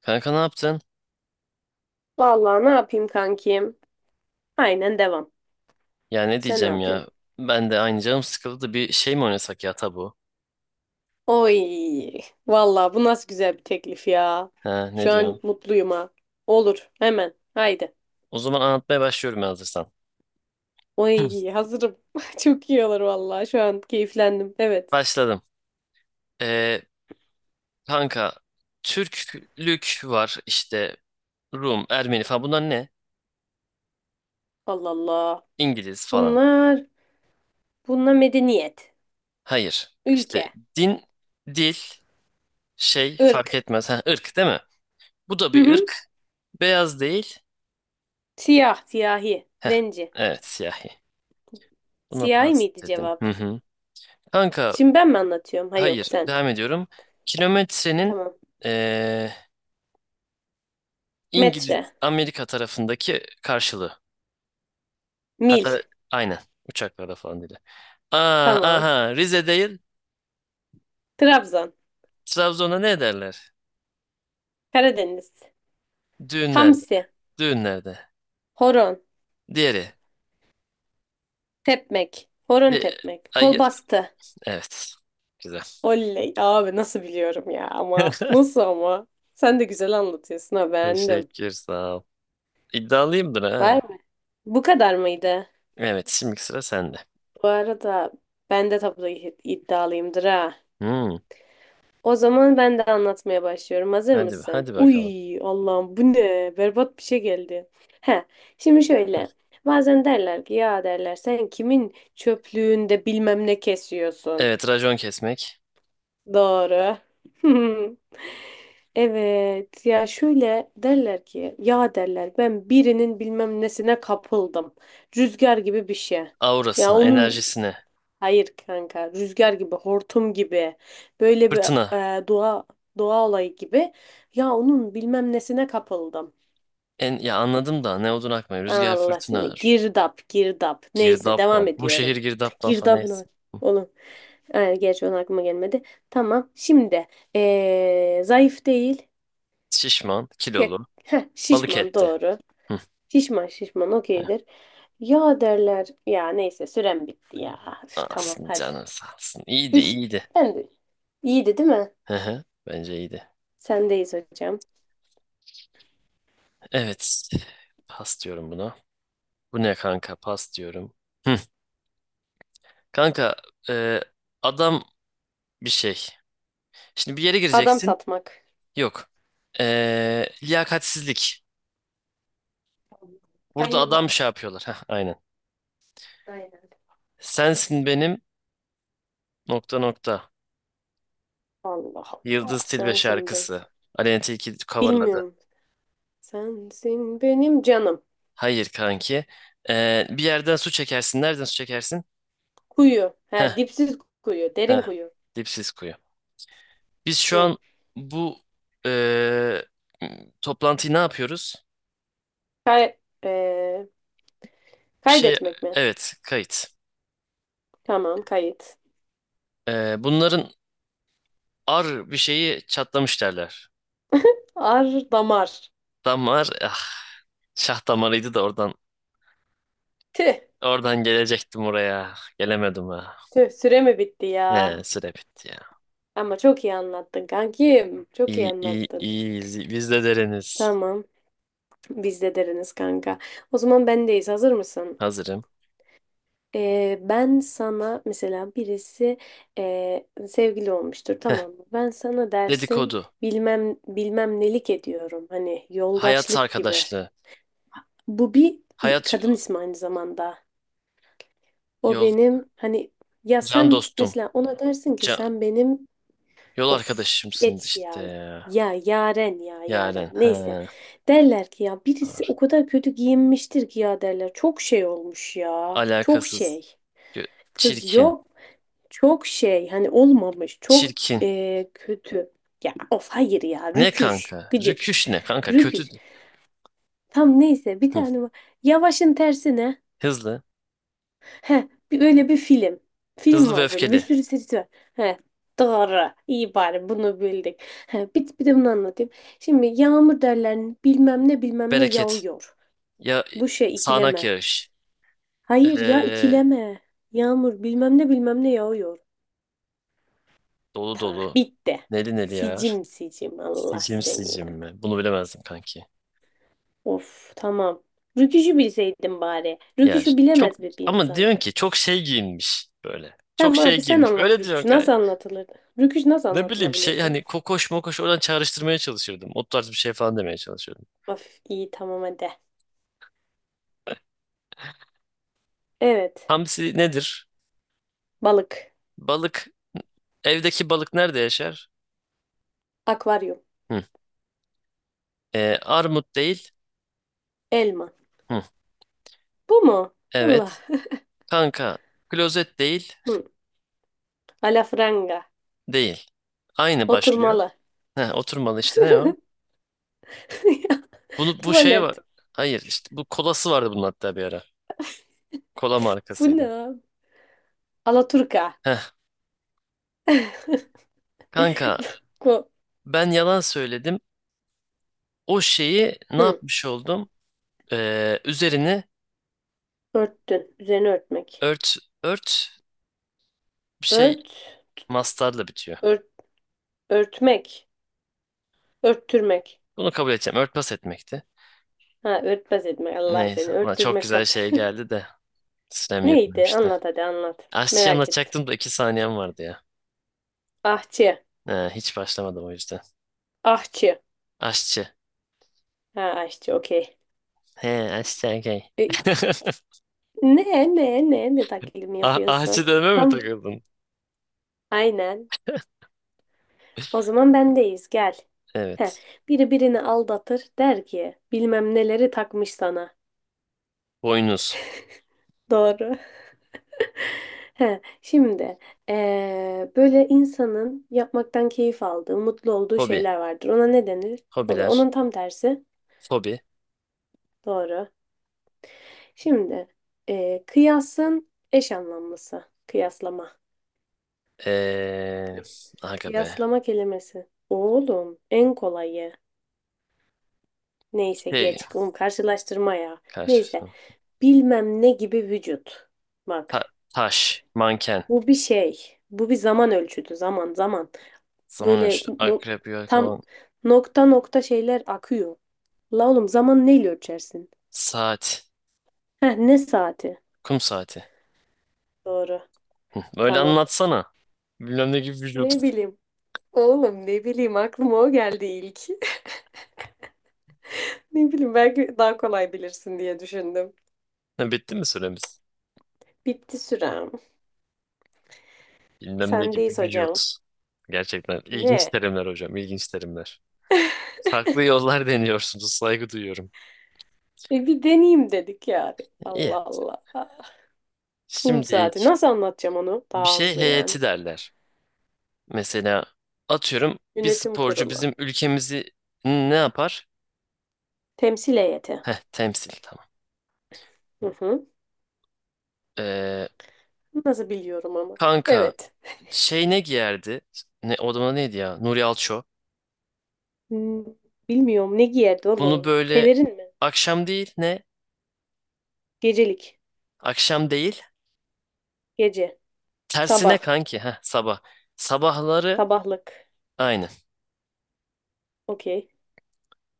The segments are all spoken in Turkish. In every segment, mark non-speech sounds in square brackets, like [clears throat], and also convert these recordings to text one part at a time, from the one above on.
Kanka ne yaptın? Vallahi ne yapayım kankim? Aynen devam. Ya ne Sen ne diyeceğim ya? yapıyorsun? Ben de aynı canım sıkıldı da bir şey mi oynasak ya tabu? Oy, vallahi bu nasıl güzel bir teklif ya. Ha ne Şu an diyorsun? mutluyum ha. Olur, hemen. Haydi. O zaman anlatmaya başlıyorum ya hazırsan. [clears throat] Oy, hazırım. [laughs] Çok iyi olur vallahi. Şu an keyiflendim. Evet. Başladım. Ee, kanka Türklük var işte Rum, Ermeni falan bunlar ne? Allah Allah. İngiliz falan. Bunlar, bunlar medeniyet, Hayır. İşte ülke, din, dil, şey fark ırk. etmez. Ha, ırk değil mi? Bu da Hı bir hı. ırk. Beyaz değil. Siyah, siyahi, Heh, zenci. evet siyahi. Buna Siyahi pas miydi dedim. cevap? Hı hı. Kanka Şimdi ben mi anlatıyorum? Ha yok Hayır, sen. devam ediyorum. Kilometrenin Tamam. eee, İngiliz, Metre, Amerika tarafındaki karşılığı. mil. Hatta aynen uçaklarda falan dedi. Aa, Tamam. aha Rize değil, Trabzon. Trabzon'a ne derler? Karadeniz. Düğünlerde, Hamsi. düğünlerde. Horon. Diğeri. Tepmek. Horon Di- tepmek. Kol Hayır, bastı. evet. Güzel. Oley. Abi nasıl biliyorum ya ama. [laughs] Nasıl ama? Sen de güzel anlatıyorsun ha beğendim. Teşekkür, sağ ol. İddialıyımdır Var ha. mı? Bu kadar mıydı? Evet, şimdiki sıra sende. Bu arada ben de tablo iddialıyımdır ha. Hmm, O zaman ben de anlatmaya başlıyorum. Hazır hadi, mısın? hadi bakalım. Uy Allah'ım bu ne? Berbat bir şey geldi. He, şimdi şöyle. Bazen derler ki ya derler sen kimin çöplüğünde bilmem ne kesiyorsun. Evet, racon kesmek. Doğru. [laughs] Evet ya şöyle derler ki ya derler ben birinin bilmem nesine kapıldım. Rüzgar gibi bir şey. Ya Aurasına, onun enerjisine, hayır kanka rüzgar gibi hortum gibi böyle bir fırtına, doğa doğa olayı gibi ya onun bilmem nesine kapıldım. En, ya anladım da ne odun akmıyor. Rüzgar Allah fırtına seni ağır. girdap girdap neyse Girdap mı? devam Bu şehir ediyorum. girdaptan falan neyse. Girdabına Hı. oğlum. Ay, gerçi onun aklıma gelmedi. Tamam şimdi zayıf değil. Şişman, Ya, kilolu, heh, balık şişman etli. doğru. Hı, Şişman şişman hı. okeydir. Ya derler. Ya neyse sürem bitti ya. Üf, Sağ tamam olsun hadi. canın sağ olsun. İyiydi Üç. iyiydi. Ben de. İyiydi değil mi? Hı hı. Bence iyiydi. Sendeyiz hocam. Evet. Pas diyorum buna. Bu ne kanka? Pas diyorum. Hı. Kanka e, adam bir şey. Şimdi bir yere Adam gireceksin. satmak. Yok. E, liyakatsizlik. Burada adam şey Kayırmak. yapıyorlar. Heh, aynen. Aynen. Sensin benim nokta nokta. Allah Yıldız Allah. Tilbe Sensin ben. şarkısı. Aleyna Tilki coverladı. Bilmiyorum. Sensin benim canım. Hayır kanki. Bir yerden su çekersin. Nereden su çekersin? Kuyu. Ha, Heh, dipsiz kuyu. Derin heh. kuyu. Dipsiz kuyu. Biz şu Hı. an bu ee, toplantıyı ne yapıyoruz? Kay eee, Bir şey, kaydetmek mi? evet, kayıt. Tamam kayıt. Bunların ar bir şeyi çatlamış derler. Ar damar. Damar, ah, şah damarıydı da oradan Tüh. oradan gelecektim oraya. Gelemedim ha. Tüh, süre mi bitti ya? He, süre bitti ya. Ama çok iyi anlattın kankim. Çok iyi İyi, iyi, anlattın. iyi. Biz de deriniz. Tamam. Biz de deriniz kanka. O zaman bendeyiz. Hazır mısın? Hazırım. Ben sana mesela birisi sevgili olmuştur tamam mı? Ben sana dersin Dedikodu. Bilmem nelik ediyorum. Hani Hayat yoldaşlık gibi. arkadaşlığı. Bu bir Hayat kadın yo- ismi aynı zamanda. O yol benim hani ya can sen dostum. mesela ona dersin ki Can sen benim. yol Of arkadaşımsınız geç işte ya. ya. Ya Yaren ya Yaren. Yaren. Neyse. He. Derler ki ya birisi Doğru. o kadar kötü giyinmiştir ki ya derler. Çok şey olmuş ya. Çok Alakasız. şey. Gö- Kız Çirkin. yok. Çok şey. Hani olmamış. Çok Çirkin. Kötü. Ya of hayır ya. Ne Rüküş. kanka? Gıcık. Rüküş ne kanka? Kötü. Rüküş. Tam neyse bir Hı. tane var. Yavaşın tersi ne? Hızlı. Heh, bir, öyle bir film. Film Hızlı ve var böyle bir öfkeli. sürü serisi var. Heh, doğru. İyi bari bunu bildik. Heh, bir, bir de bunu anlatayım. Şimdi yağmur derler bilmem ne bilmem ne Bereket. yağıyor. Ya Bu şey sağanak ikileme. yağış. Hayır ya Ee, ikileme. Yağmur bilmem ne bilmem ne yağıyor. dolu Tamam dolu. bitti. Neli neli yağar. Sicim sicim Allah Sicim seni sicim ya. mi? Bunu bilemezdim kanki. Of tamam. Rüküşü bilseydim bari. Ya Rüküşü çok bilemez mi bir ama insan? diyorsun ki çok şey giyinmiş böyle. Çok Tamam şey abi sen giyinmiş. anlat Öyle diyorsun rüküşü. kanka. Nasıl anlatılırdı? Rüküş nasıl Ne bileyim şey anlatılabilirdi? hani kokoş mokoş oradan çağrıştırmaya çalışırdım. O tarz bir şey falan demeye çalışıyordum. Of iyi tamam hadi. Evet. Hamsi nedir? Balık. Balık. Evdeki balık nerede yaşar? Akvaryum. Hı. Armut değil. Elma. Hı. Bu mu? Allah. Evet. Kanka. Klozet değil. Hı. Alafranga. Değil. Aynı başlıyor. Oturmalı. Heh, oturmalı işte ne o? [laughs] Bunu bu şey var. Tuvalet. Hayır işte bu kolası vardı bunun hatta bir ara. Kola Bu ne, markasıydı. abi? Alaturka. Heh. Kanka Ko. ben yalan söyledim. O şeyi ne Hı. yapmış oldum? Üzerini Örttün. Üzerine örtmek. ört ört bir şey Ört. mastarla bitiyor. Ört. Örtmek. Örttürmek. Bunu kabul edeceğim. Örtbas etmekti. Ha örtbas etmek. Allah Neyse. seni. Ulan çok Örttürmek güzel kap. şey geldi de [laughs] sürem Neydi? yetmemişti. Anlat hadi anlat. Aşçıyı Merak ettim. anlatacaktım da iki saniyem vardı ya. Ahçı. He, hiç başlamadım o yüzden. Ahçı. Aşçı. Ha ahçı okey. He aşçı okey. E, [laughs] ne ne ne ne taklidimi Ah, ahçı yapıyorsun? deme mi Tam takıldın? aynen. O zaman bendeyiz gel. Heh, Evet. biri birini aldatır der ki bilmem neleri takmış sana. Boynuz. Doğru. [laughs] Heh, şimdi böyle insanın yapmaktan keyif aldığı, mutlu olduğu Hobi. şeyler vardır. Ona ne denir? Hobi. Hobiler. Onun tam tersi. Fobi. Doğru. Şimdi kıyasın eş anlamlısı. Kıyaslama. Ee, aga be. Kıyaslama kelimesi. Oğlum en kolayı. Neyse Şey. geç. Oğlum karşılaştırma ya. Neyse. Karşılaşma. Bilmem ne gibi vücut. Bak. Ta- taş. Manken. Bu bir şey. Bu bir zaman ölçütü. Zaman zaman. Zaman Böyle ölçütü. no- Akrep, tam yelkovan, nokta nokta şeyler akıyor. La oğlum zaman neyle ölçersin? saat. Heh, ne saati? Kum saati. Doğru. Hı, böyle Tamam. anlatsana. Bilmem ne gibi vücut. Ne [laughs] bileyim. Oğlum ne bileyim aklıma o geldi ilk. [laughs] Ne bileyim belki daha kolay bilirsin diye düşündüm. Ha, bitti mi süremiz? Bitti sürem. Bilmem ne gibi Sendeyiz vücut. hocam. Gerçekten ilginç Ne? terimler hocam, ilginç terimler. Farklı yollar [laughs] deniyorsunuz, saygı duyuyorum. E bir deneyeyim dedik yani. İyi. Allah Allah. Ah, kum Şimdi saati. Nasıl anlatacağım onu? bir Daha şey hızlı yani. heyeti derler. Mesela atıyorum bir Yönetim sporcu kurulu. bizim ülkemizi ne yapar? Temsil heyeti. Heh, temsil tamam. Hı hı. Ee, Nasıl biliyorum ama. kanka Evet. şey ne giyerdi? Ne, o zaman neydi ya? Nuri Alço. Hmm, bilmiyorum ne giyerdi Bunu oğlum? böyle Pelerin mi? akşam değil ne? Gecelik. Akşam değil. Gece. Tersine Sabah. kanki. Heh, sabah. Sabahları Sabahlık. aynı. Okey.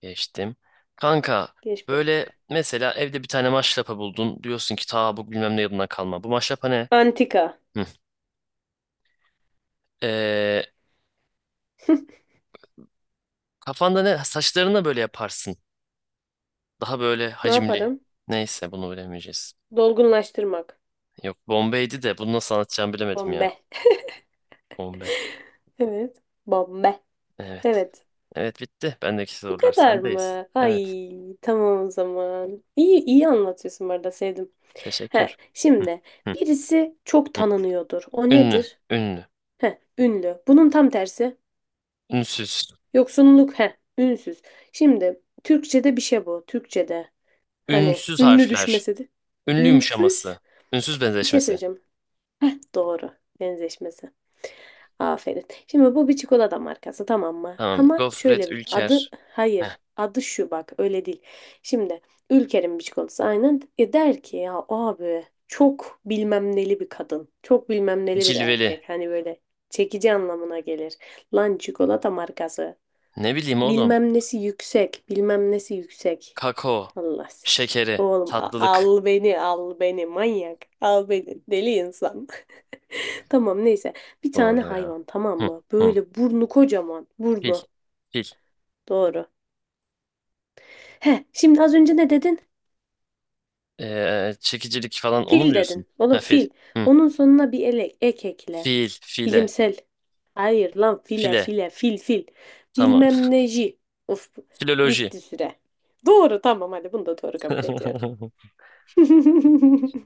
Geçtim. Kanka Geç bakalım. böyle mesela evde bir tane maşrapa buldun. Diyorsun ki ta bu bilmem ne yılından kalma. Bu maşrapa ne? Antika. Hı. Ee, [laughs] kafanda ne? Saçlarına böyle yaparsın. Daha böyle Ne hacimli. yaparım? Neyse bunu bilemeyeceğiz. Dolgunlaştırmak. Yok Bombay'di de bunu nasıl anlatacağımı bilemedim Bombe. ya. Bombay. Evet. Bombe. Evet. Evet. Evet bitti. Bendeki Bu sorular kadar sendeyiz. mı? Evet. Ay tamam o zaman. İyi iyi anlatıyorsun bu arada sevdim. Teşekkür. He, Hı, şimdi hı. birisi çok tanınıyordur. O Ünlü, nedir? ünlü, He, ünlü. Bunun tam tersi. ünsüz, Yoksunluk. He, ünsüz. Şimdi Türkçe'de bir şey bu. Türkçe'de. Hani ünsüz ünlü harfler, düşmesi de. ünlü Ünsüz. yumuşaması, ünsüz Bir şey benzeşmesi. söyleyeceğim. Heh, doğru. Benzeşmesi. Aferin. Şimdi bu bir çikolata markası tamam mı? Tamam, Ama gofret, şöyle bir adı ülker, heh. hayır. Adı şu bak öyle değil. Şimdi Ülker'in bir çikolatası aynen. E der ki ya abi çok bilmem neli bir kadın. Çok bilmem neli bir Cilveli, erkek. Hani böyle çekici anlamına gelir. Lan çikolata markası. ne bileyim oğlum, Bilmem nesi yüksek. Bilmem nesi yüksek. kakao, Allah seni. şekeri, Oğlum tatlılık. al beni al beni manyak. Al beni deli insan. [laughs] Tamam neyse. Bir tane Doğru ya. hayvan tamam Hı, mı? hı. Böyle burnu kocaman. Fil, Burnu. fil, Doğru. He, şimdi az önce ne dedin? Çekicilik falan onu mu Fil diyorsun? dedin. Oğlum Ha, fil, fil. hı. Onun sonuna bir elek, ek ekle. Fil, file, Bilimsel. Hayır lan file file, file fil fil. tamam. Bilmem neji. Of [laughs] Filoloji. bitti süre. Doğru tamam hadi bunu da doğru kabul ediyorum. [laughs] [laughs]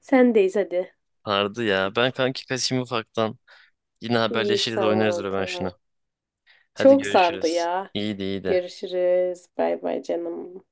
Sendeyiz hadi. Vardı ya, ben kanki kaçayım ufaktan. Yine İyi haberleşiriz oynarız tamam ben şunu. tamam. Hadi Çok sardı görüşürüz. ya. İyiydi iyiydi. Görüşürüz. Bay bay canım.